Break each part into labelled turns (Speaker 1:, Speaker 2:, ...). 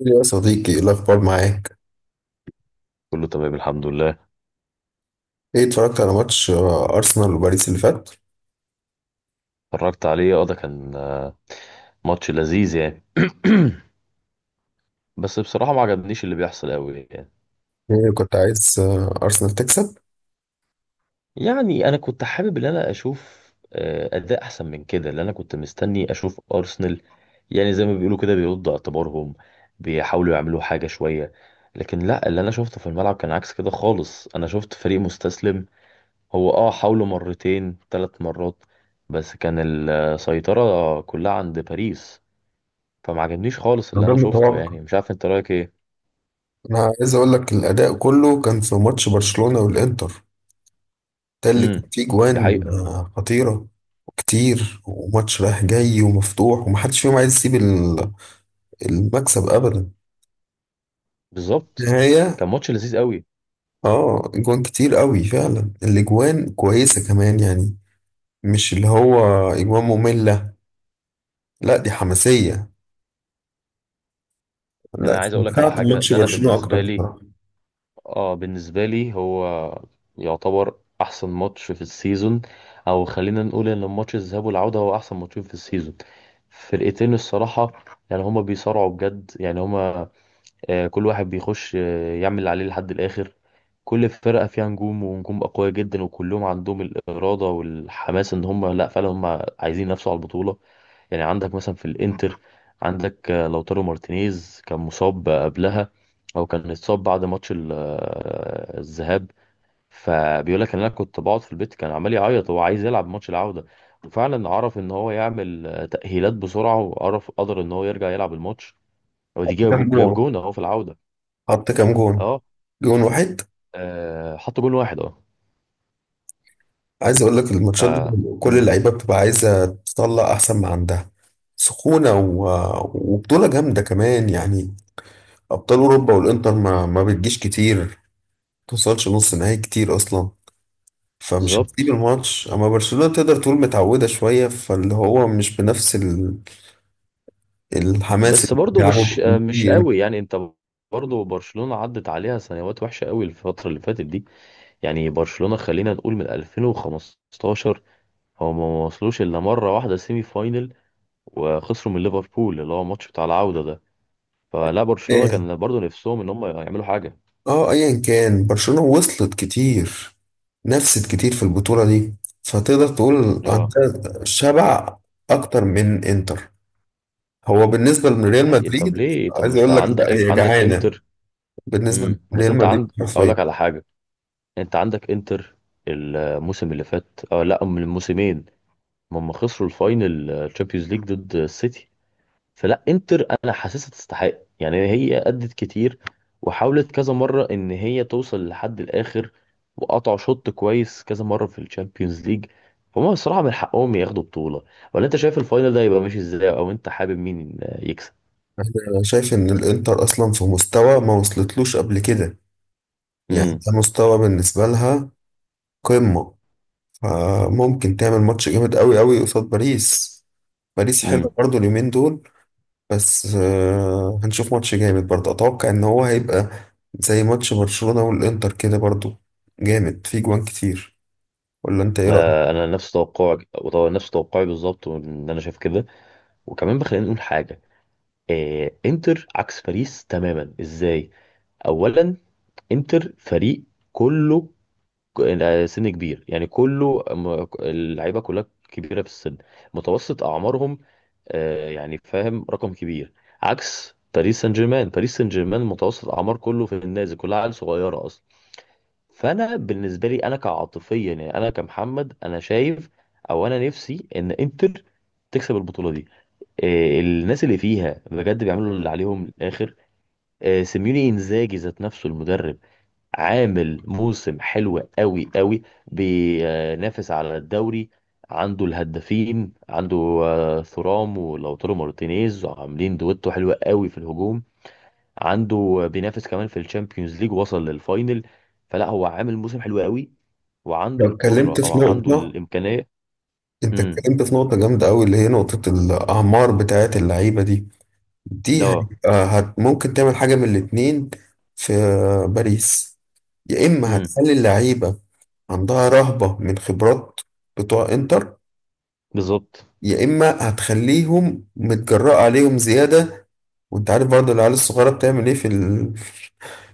Speaker 1: يا صديقي، ايه الاخبار معاك؟
Speaker 2: كله تمام الحمد لله.
Speaker 1: ايه، اتفرجت على ماتش ارسنال وباريس اللي فات؟
Speaker 2: اتفرجت عليه، اه، ده كان ماتش لذيذ يعني. بس بصراحة ما عجبنيش اللي بيحصل قوي يعني.
Speaker 1: ايه، كنت عايز ارسنال تكسب؟
Speaker 2: يعني انا كنت حابب ان انا اشوف اداء احسن من كده، اللي انا كنت مستني اشوف ارسنال، يعني زي ما بيقولوا كده بيردوا اعتبارهم، بيحاولوا يعملوا حاجة شوية. لكن لا، اللي انا شفته في الملعب كان عكس كده خالص، انا شفت فريق مستسلم. هو حاولوا مرتين 3 مرات، بس كان السيطرة كلها عند باريس. فما عجبنيش خالص
Speaker 1: أنا
Speaker 2: اللي
Speaker 1: ده
Speaker 2: انا شفته،
Speaker 1: المتوقع.
Speaker 2: يعني مش عارف انت رايك ايه؟
Speaker 1: انا عايز اقول لك، الاداء كله كان في ماتش برشلونة والانتر. ده اللي كان
Speaker 2: امم،
Speaker 1: فيه
Speaker 2: دي
Speaker 1: جوان
Speaker 2: حقيقه.
Speaker 1: خطيرة وكتير، وماتش رايح جاي ومفتوح ومحدش فيهم عايز يسيب المكسب ابدا
Speaker 2: بالظبط،
Speaker 1: النهاية.
Speaker 2: كان ماتش لذيذ قوي.
Speaker 1: اه، جوان كتير قوي فعلا، الاجوان كويسة كمان يعني. مش اللي هو اجوان مملة، لا دي حماسية.
Speaker 2: يعني
Speaker 1: لا،
Speaker 2: انا عايز اقول لك على
Speaker 1: استمتعت
Speaker 2: حاجه،
Speaker 1: بماتش
Speaker 2: ده انا
Speaker 1: برشلونة أكتر
Speaker 2: بالنسبه لي
Speaker 1: بصراحة.
Speaker 2: اه بالنسبه لي هو يعتبر احسن ماتش في السيزون، او خلينا نقول ان الماتش الذهاب والعوده هو احسن ماتشين في السيزون. فرقتين الصراحه، يعني هما بيصارعوا بجد، يعني هما آه، كل واحد بيخش يعمل اللي عليه لحد الآخر. كل فرقة فيها نجوم ونجوم أقوياء جدا، وكلهم عندهم الإرادة والحماس إن هم، لأ، فعلا هم عايزين ينافسوا على البطولة. يعني عندك مثلا في الإنتر، عندك لوتارو مارتينيز كان مصاب قبلها، أو كان اتصاب بعد ماتش الذهاب. فبيقول لك إن أنا كنت بقعد في البيت كان عمال يعيط، هو عايز يلعب ماتش العودة. وفعلا عرف إن هو يعمل تأهيلات بسرعة، وعرف قدر إن هو يرجع يلعب الماتش،
Speaker 1: حط
Speaker 2: ودي
Speaker 1: كام
Speaker 2: جاب
Speaker 1: جون؟
Speaker 2: جون أهو في العودة.
Speaker 1: حط كام جون؟
Speaker 2: اه،
Speaker 1: جون واحد.
Speaker 2: حطوا جون واحد، اه.
Speaker 1: عايز أقول لك الماتشات دي
Speaker 2: ف-
Speaker 1: كل
Speaker 2: مم،
Speaker 1: اللعيبة بتبقى عايزة تطلع أحسن ما عندها، سخونة و... وبطولة جامدة كمان يعني. أبطال أوروبا والإنتر ما بتجيش كتير، ما توصلش نص نهائي كتير أصلا. فمش هتسيب
Speaker 2: بالظبط.
Speaker 1: الماتش. أما برشلونة تقدر تقول متعودة شوية، فاللي هو مش بنفس ال... الحماس
Speaker 2: بس
Speaker 1: اللي
Speaker 2: برضه
Speaker 1: بيلعبوا
Speaker 2: مش قوي، يعني انت، برضه برشلونة عدت عليها سنوات وحشة قوي الفترة اللي فاتت دي. يعني برشلونة خلينا نقول من 2015 هو ما وصلوش الا مرة واحدة سيمي فاينل، وخسروا من ليفربول، اللي هو الماتش بتاع العودة ده. فلا برشلونة
Speaker 1: بيه.
Speaker 2: كان برضه نفسهم ان هم يعملوا حاجة.
Speaker 1: اه، ايا كان برشلونة وصلت كتير، نفست كتير في البطولة دي، فتقدر تقول
Speaker 2: اه،
Speaker 1: عندها شبع اكتر من انتر. هو بالنسبة لريال
Speaker 2: لا، طب
Speaker 1: مدريد،
Speaker 2: ليه؟ طب ما
Speaker 1: عايز
Speaker 2: انت
Speaker 1: اقول لك
Speaker 2: عندك
Speaker 1: لا هي
Speaker 2: عندك
Speaker 1: جعانة
Speaker 2: انتر.
Speaker 1: بالنسبة
Speaker 2: امم، بس
Speaker 1: لريال
Speaker 2: انت
Speaker 1: مدريد
Speaker 2: اقول
Speaker 1: حرفيا.
Speaker 2: لك على حاجة، انت عندك انتر، الموسم اللي فات، لا، من الموسمين، هم خسروا الفاينل تشامبيونز ليج ضد السيتي. فلا انتر انا حاسسها تستحق، يعني هي ادت كتير، وحاولت كذا مره ان هي توصل لحد الاخر، وقطعوا شوط كويس كذا مره في الشامبيونز ليج. فهم بصراحه من حقهم ياخدوا بطوله. ولا انت شايف الفاينل ده يبقى ماشي ازاي، او انت حابب مين يكسب؟
Speaker 1: انا شايف ان الانتر اصلا في مستوى ما وصلتلوش قبل كده، يعني
Speaker 2: امم،
Speaker 1: ده مستوى بالنسبة لها قمة. فممكن تعمل ماتش جامد قوي قوي قصاد باريس. باريس حلو
Speaker 2: امم،
Speaker 1: برضو اليومين دول. بس هنشوف ماتش جامد برضه، اتوقع ان هو هيبقى زي ماتش برشلونة والانتر كده برضه، جامد فيه جوان كتير. ولا انت ايه رأيك؟
Speaker 2: ما انا نفس توقعك، نفس توقعي بالظبط، ان انا شايف كده. وكمان بقى خلينا نقول حاجه، انتر عكس باريس تماما. ازاي؟ اولا، انتر فريق كله سن كبير، يعني كله اللعيبه كلها كبيره في السن. متوسط اعمارهم يعني فاهم، رقم كبير. عكس باريس سان جيرمان متوسط اعمار كله في النازل، كلها عيال صغيره اصلا. فانا بالنسبه لي، انا كعاطفيا، يعني انا كمحمد، انا شايف او انا نفسي ان انتر تكسب البطوله دي. الناس اللي فيها بجد بيعملوا اللي عليهم للاخر. سيميوني انزاجي ذات نفسه المدرب عامل موسم حلو قوي قوي، بينافس على الدوري، عنده الهدافين، عنده ثورام ولوتارو مارتينيز عاملين دويتو حلوة قوي في الهجوم. عنده بينافس كمان في الشامبيونز ليج، وصل للفاينل. فلا هو عامل موسم حلو قوي، وعنده
Speaker 1: لو اتكلمت
Speaker 2: القدرة، او
Speaker 1: في
Speaker 2: عنده
Speaker 1: نقطة،
Speaker 2: الامكانية.
Speaker 1: انت
Speaker 2: امم،
Speaker 1: اتكلمت في نقطة جامدة قوي، اللي هي نقطة الاعمار بتاعت اللعيبة دي. دي
Speaker 2: اه،
Speaker 1: هيبقى ممكن تعمل حاجة من الاتنين في باريس. يا اما
Speaker 2: امم،
Speaker 1: هتخلي اللعيبة عندها رهبة من خبرات بتوع انتر،
Speaker 2: بالظبط.
Speaker 1: يا اما هتخليهم متجرأة عليهم زيادة. وانت عارف برضه العيال الصغيرة بتعمل ايه في ال...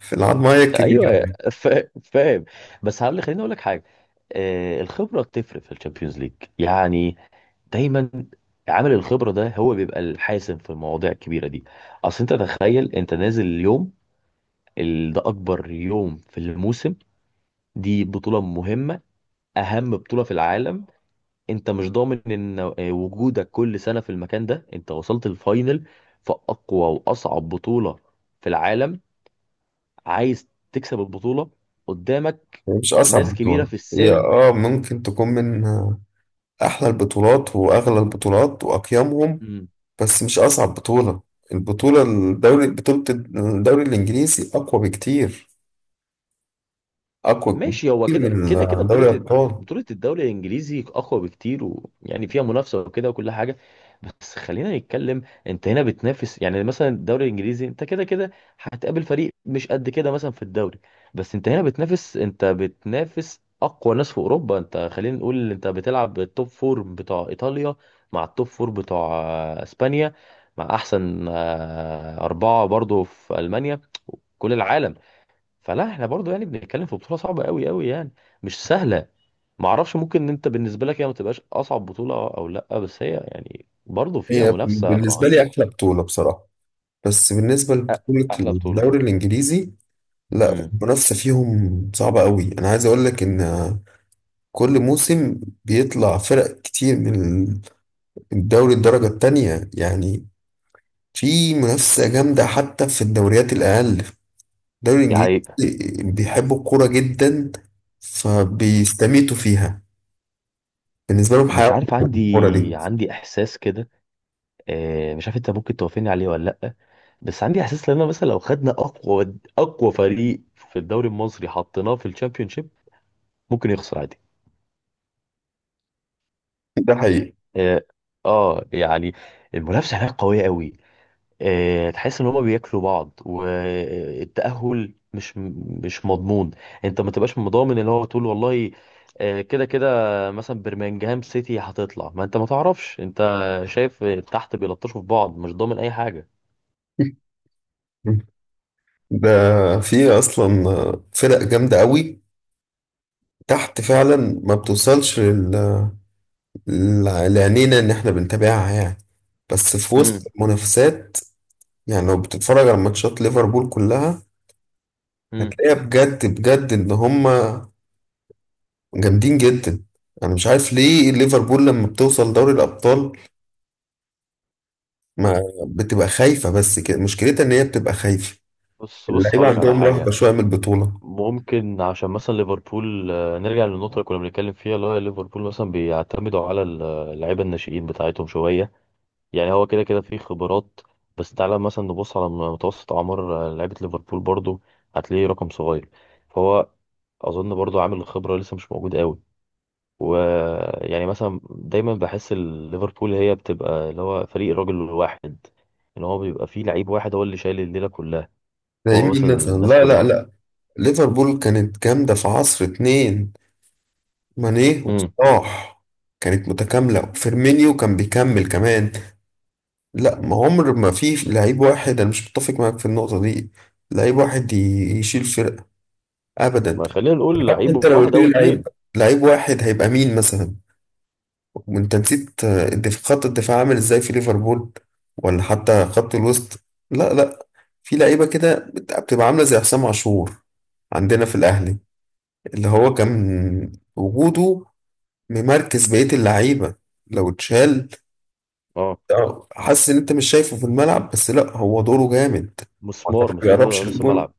Speaker 1: في العضماية
Speaker 2: ايوه،
Speaker 1: الكبيرة.
Speaker 2: فاهم. بس هقول، خليني اقول لك حاجة، الخبرة بتفرق في الشامبيونز ليج، يعني دايما عامل الخبرة ده هو بيبقى الحاسم في المواضيع الكبيرة دي. اصل انت تخيل، انت نازل اليوم، ده اكبر يوم في الموسم، دي بطولة مهمة، اهم بطولة في العالم. انت مش ضامن ان وجودك كل سنة في المكان ده، انت وصلت الفاينل في اقوى واصعب بطولة في العالم، عايز تكسب البطولة، قدامك
Speaker 1: هي مش
Speaker 2: ناس
Speaker 1: أصعب
Speaker 2: كبيرة
Speaker 1: بطولة،
Speaker 2: في
Speaker 1: هي
Speaker 2: السن.
Speaker 1: ممكن تكون من أحلى البطولات وأغلى البطولات وأقيمهم، بس مش أصعب بطولة. البطولة الدوري بطولة الدوري الإنجليزي أقوى بكتير، أقوى
Speaker 2: ماشي، هو
Speaker 1: بكتير
Speaker 2: كده
Speaker 1: من
Speaker 2: كده كده بطولة.
Speaker 1: دوري الأبطال.
Speaker 2: بطولة الدوري الإنجليزي أقوى بكتير، ويعني فيها منافسة وكده وكل حاجة. بس خلينا نتكلم، أنت هنا بتنافس، يعني مثلا الدوري الإنجليزي أنت كده كده هتقابل فريق مش قد كده مثلا في الدوري، بس أنت هنا بتنافس، أنت بتنافس أقوى ناس في أوروبا. أنت خلينا نقول أنت بتلعب التوب فور بتوع إيطاليا مع التوب فور بتوع إسبانيا، مع أحسن أربعة برضو في ألمانيا، كل العالم. فلا احنا برضو يعني بنتكلم في بطولة صعبة قوي قوي، يعني مش سهلة. ما اعرفش، ممكن ان انت بالنسبة لك هي ما تبقاش اصعب بطولة او لا، بس هي يعني برضو فيها
Speaker 1: هي
Speaker 2: منافسة
Speaker 1: بالنسبة لي
Speaker 2: رهيبة.
Speaker 1: أحلى بطولة بصراحة، بس بالنسبة لبطولة
Speaker 2: احلى بطولة،
Speaker 1: الدوري
Speaker 2: اه.
Speaker 1: الإنجليزي، لا
Speaker 2: امم،
Speaker 1: المنافسة فيهم صعبة قوي. أنا عايز أقول لك إن كل موسم بيطلع فرق كتير من الدوري الدرجة التانية يعني. في منافسة جامدة حتى في الدوريات الأقل. الدوري
Speaker 2: دي
Speaker 1: الإنجليزي
Speaker 2: حقيقة.
Speaker 1: بيحبوا الكورة جدا فبيستميتوا فيها، بالنسبة لهم حياة
Speaker 2: مش عارف،
Speaker 1: الكورة دي.
Speaker 2: عندي احساس كده، مش عارف انت ممكن توافقني عليه ولا لا، بس عندي احساس، لان مثلا لو خدنا اقوى اقوى فريق في الدوري المصري حطيناه في الشامبيونشيب ممكن يخسر عادي.
Speaker 1: ده حقيقي.
Speaker 2: اه، يعني المنافسة هناك قوية قوي. تحس ان هما بياكلوا بعض، والتأهل مش مضمون. انت ما تبقاش مضامن اللي هو تقول والله، كده كده مثلا برمنجهام سيتي هتطلع، ما انت ما تعرفش، انت شايف تحت بيلطشوا في بعض، مش ضامن اي حاجة.
Speaker 1: ده في أصلا فرق جامدة قوي تحت فعلا ما بتوصلش لعينينا إن إحنا بنتابعها يعني، بس في
Speaker 2: امم،
Speaker 1: وسط المنافسات. يعني لو بتتفرج على ماتشات ليفربول كلها،
Speaker 2: امم،
Speaker 1: هتلاقيها بجد بجد ان هما جامدين جدا. انا مش عارف ليه ليفربول لما بتوصل دوري الابطال ما بتبقى خايفة. بس كده مشكلتها ان هي بتبقى خايفة،
Speaker 2: بص بص
Speaker 1: اللعيبة
Speaker 2: هقول لك على
Speaker 1: عندهم رهبة
Speaker 2: حاجة.
Speaker 1: شوية من البطولة.
Speaker 2: ممكن عشان مثلا ليفربول، نرجع للنقطة اللي كنا بنتكلم فيها، اللي هو ليفربول مثلا بيعتمدوا على اللعيبة الناشئين بتاعتهم شوية، يعني هو كده كده فيه خبرات، بس تعالى مثلا نبص على متوسط اعمار لعيبه ليفربول برضو، هتلاقيه رقم صغير. فهو اظن برضو عامل الخبره لسه مش موجود قوي، ويعني مثلا دايما بحس ليفربول هي بتبقى اللي هو فريق الراجل الواحد، ان هو بيبقى فيه لعيب واحد هو اللي شايل الليله كلها.
Speaker 1: زي
Speaker 2: هو مثلا
Speaker 1: مين مثلا؟
Speaker 2: الناس
Speaker 1: لا لا
Speaker 2: كلها.
Speaker 1: لا، ليفربول كانت جامدة في عصر اتنين، ماني
Speaker 2: امم.
Speaker 1: وصلاح، كانت متكاملة وفيرمينيو كان بيكمل كمان. لا، ما عمر ما في لعيب واحد، انا مش متفق معاك في النقطة دي. لعيب واحد يشيل فرقة، ابدا.
Speaker 2: ما خلينا نقول
Speaker 1: حتى انت
Speaker 2: لعيب
Speaker 1: لو قلت
Speaker 2: واحد او
Speaker 1: لي لعيب،
Speaker 2: اتنين.
Speaker 1: لعيب واحد هيبقى مين مثلا؟ وانت نسيت خط الدفاع عامل ازاي في ليفربول، ولا حتى خط الوسط. لا لا، في لعيبه كده بتبقى عامله زي حسام عاشور عندنا في الاهلي، اللي هو كان وجوده ممركز بقيه اللعيبه لو اتشال،
Speaker 2: اه،
Speaker 1: حاسس ان انت مش شايفه في الملعب، بس لا هو دوره جامد. هو ما
Speaker 2: مسمار،
Speaker 1: بيقربش
Speaker 2: مسمار نص
Speaker 1: للجون،
Speaker 2: الملعب.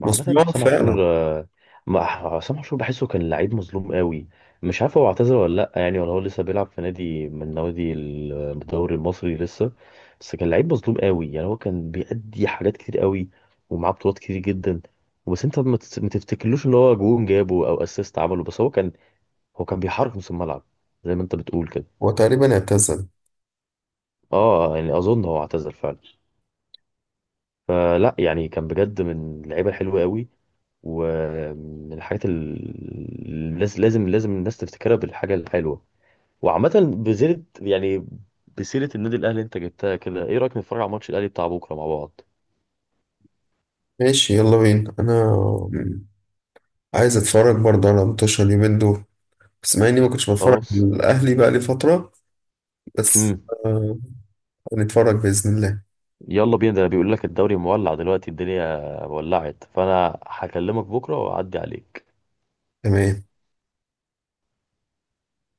Speaker 2: وعامة
Speaker 1: مسموع
Speaker 2: حسام عاشور
Speaker 1: فعلا.
Speaker 2: آه، ما- حسام عاشور بحسه كان لعيب مظلوم قوي. مش عارف هو اعتزل ولا لا، يعني ولا هو لسه بيلعب في نادي من نوادي الدوري المصري لسه، بس كان لعيب مظلوم قوي، يعني هو كان بيأدي حاجات كتير قوي، ومعاه بطولات كتير جدا. بس انت ما تفتكرلوش ان هو جون جابه او اسيست عمله، بس هو كان بيحرك نص الملعب، زي ما انت بتقول كده.
Speaker 1: هو تقريبا اعتزل.
Speaker 2: اه يعني اظن هو اعتزل فعلا. فلا يعني كان بجد من اللعيبه الحلوه قوي، ومن الحاجات اللي لازم لازم الناس تفتكرها بالحاجة الحلوة. وعامة، بزيرة يعني بسيرة النادي الأهلي أنت جبتها كده، إيه رأيك نتفرج على ماتش الأهلي بتاع بكرة مع بعض؟
Speaker 1: ماشي، يلا بينا، انا عايز اتفرج برضه على متوشة اليومين دول، بس مع اني ما كنتش بتفرج على
Speaker 2: خلاص.
Speaker 1: الاهلي بقى لي فتره. بس
Speaker 2: امم.
Speaker 1: آه هنتفرج باذن الله.
Speaker 2: يلا بينا، ده بيقول لك الدوري مولع دلوقتي الدنيا، ولعت، فأنا هكلمك بكرة وأعدي عليك.
Speaker 1: تمام.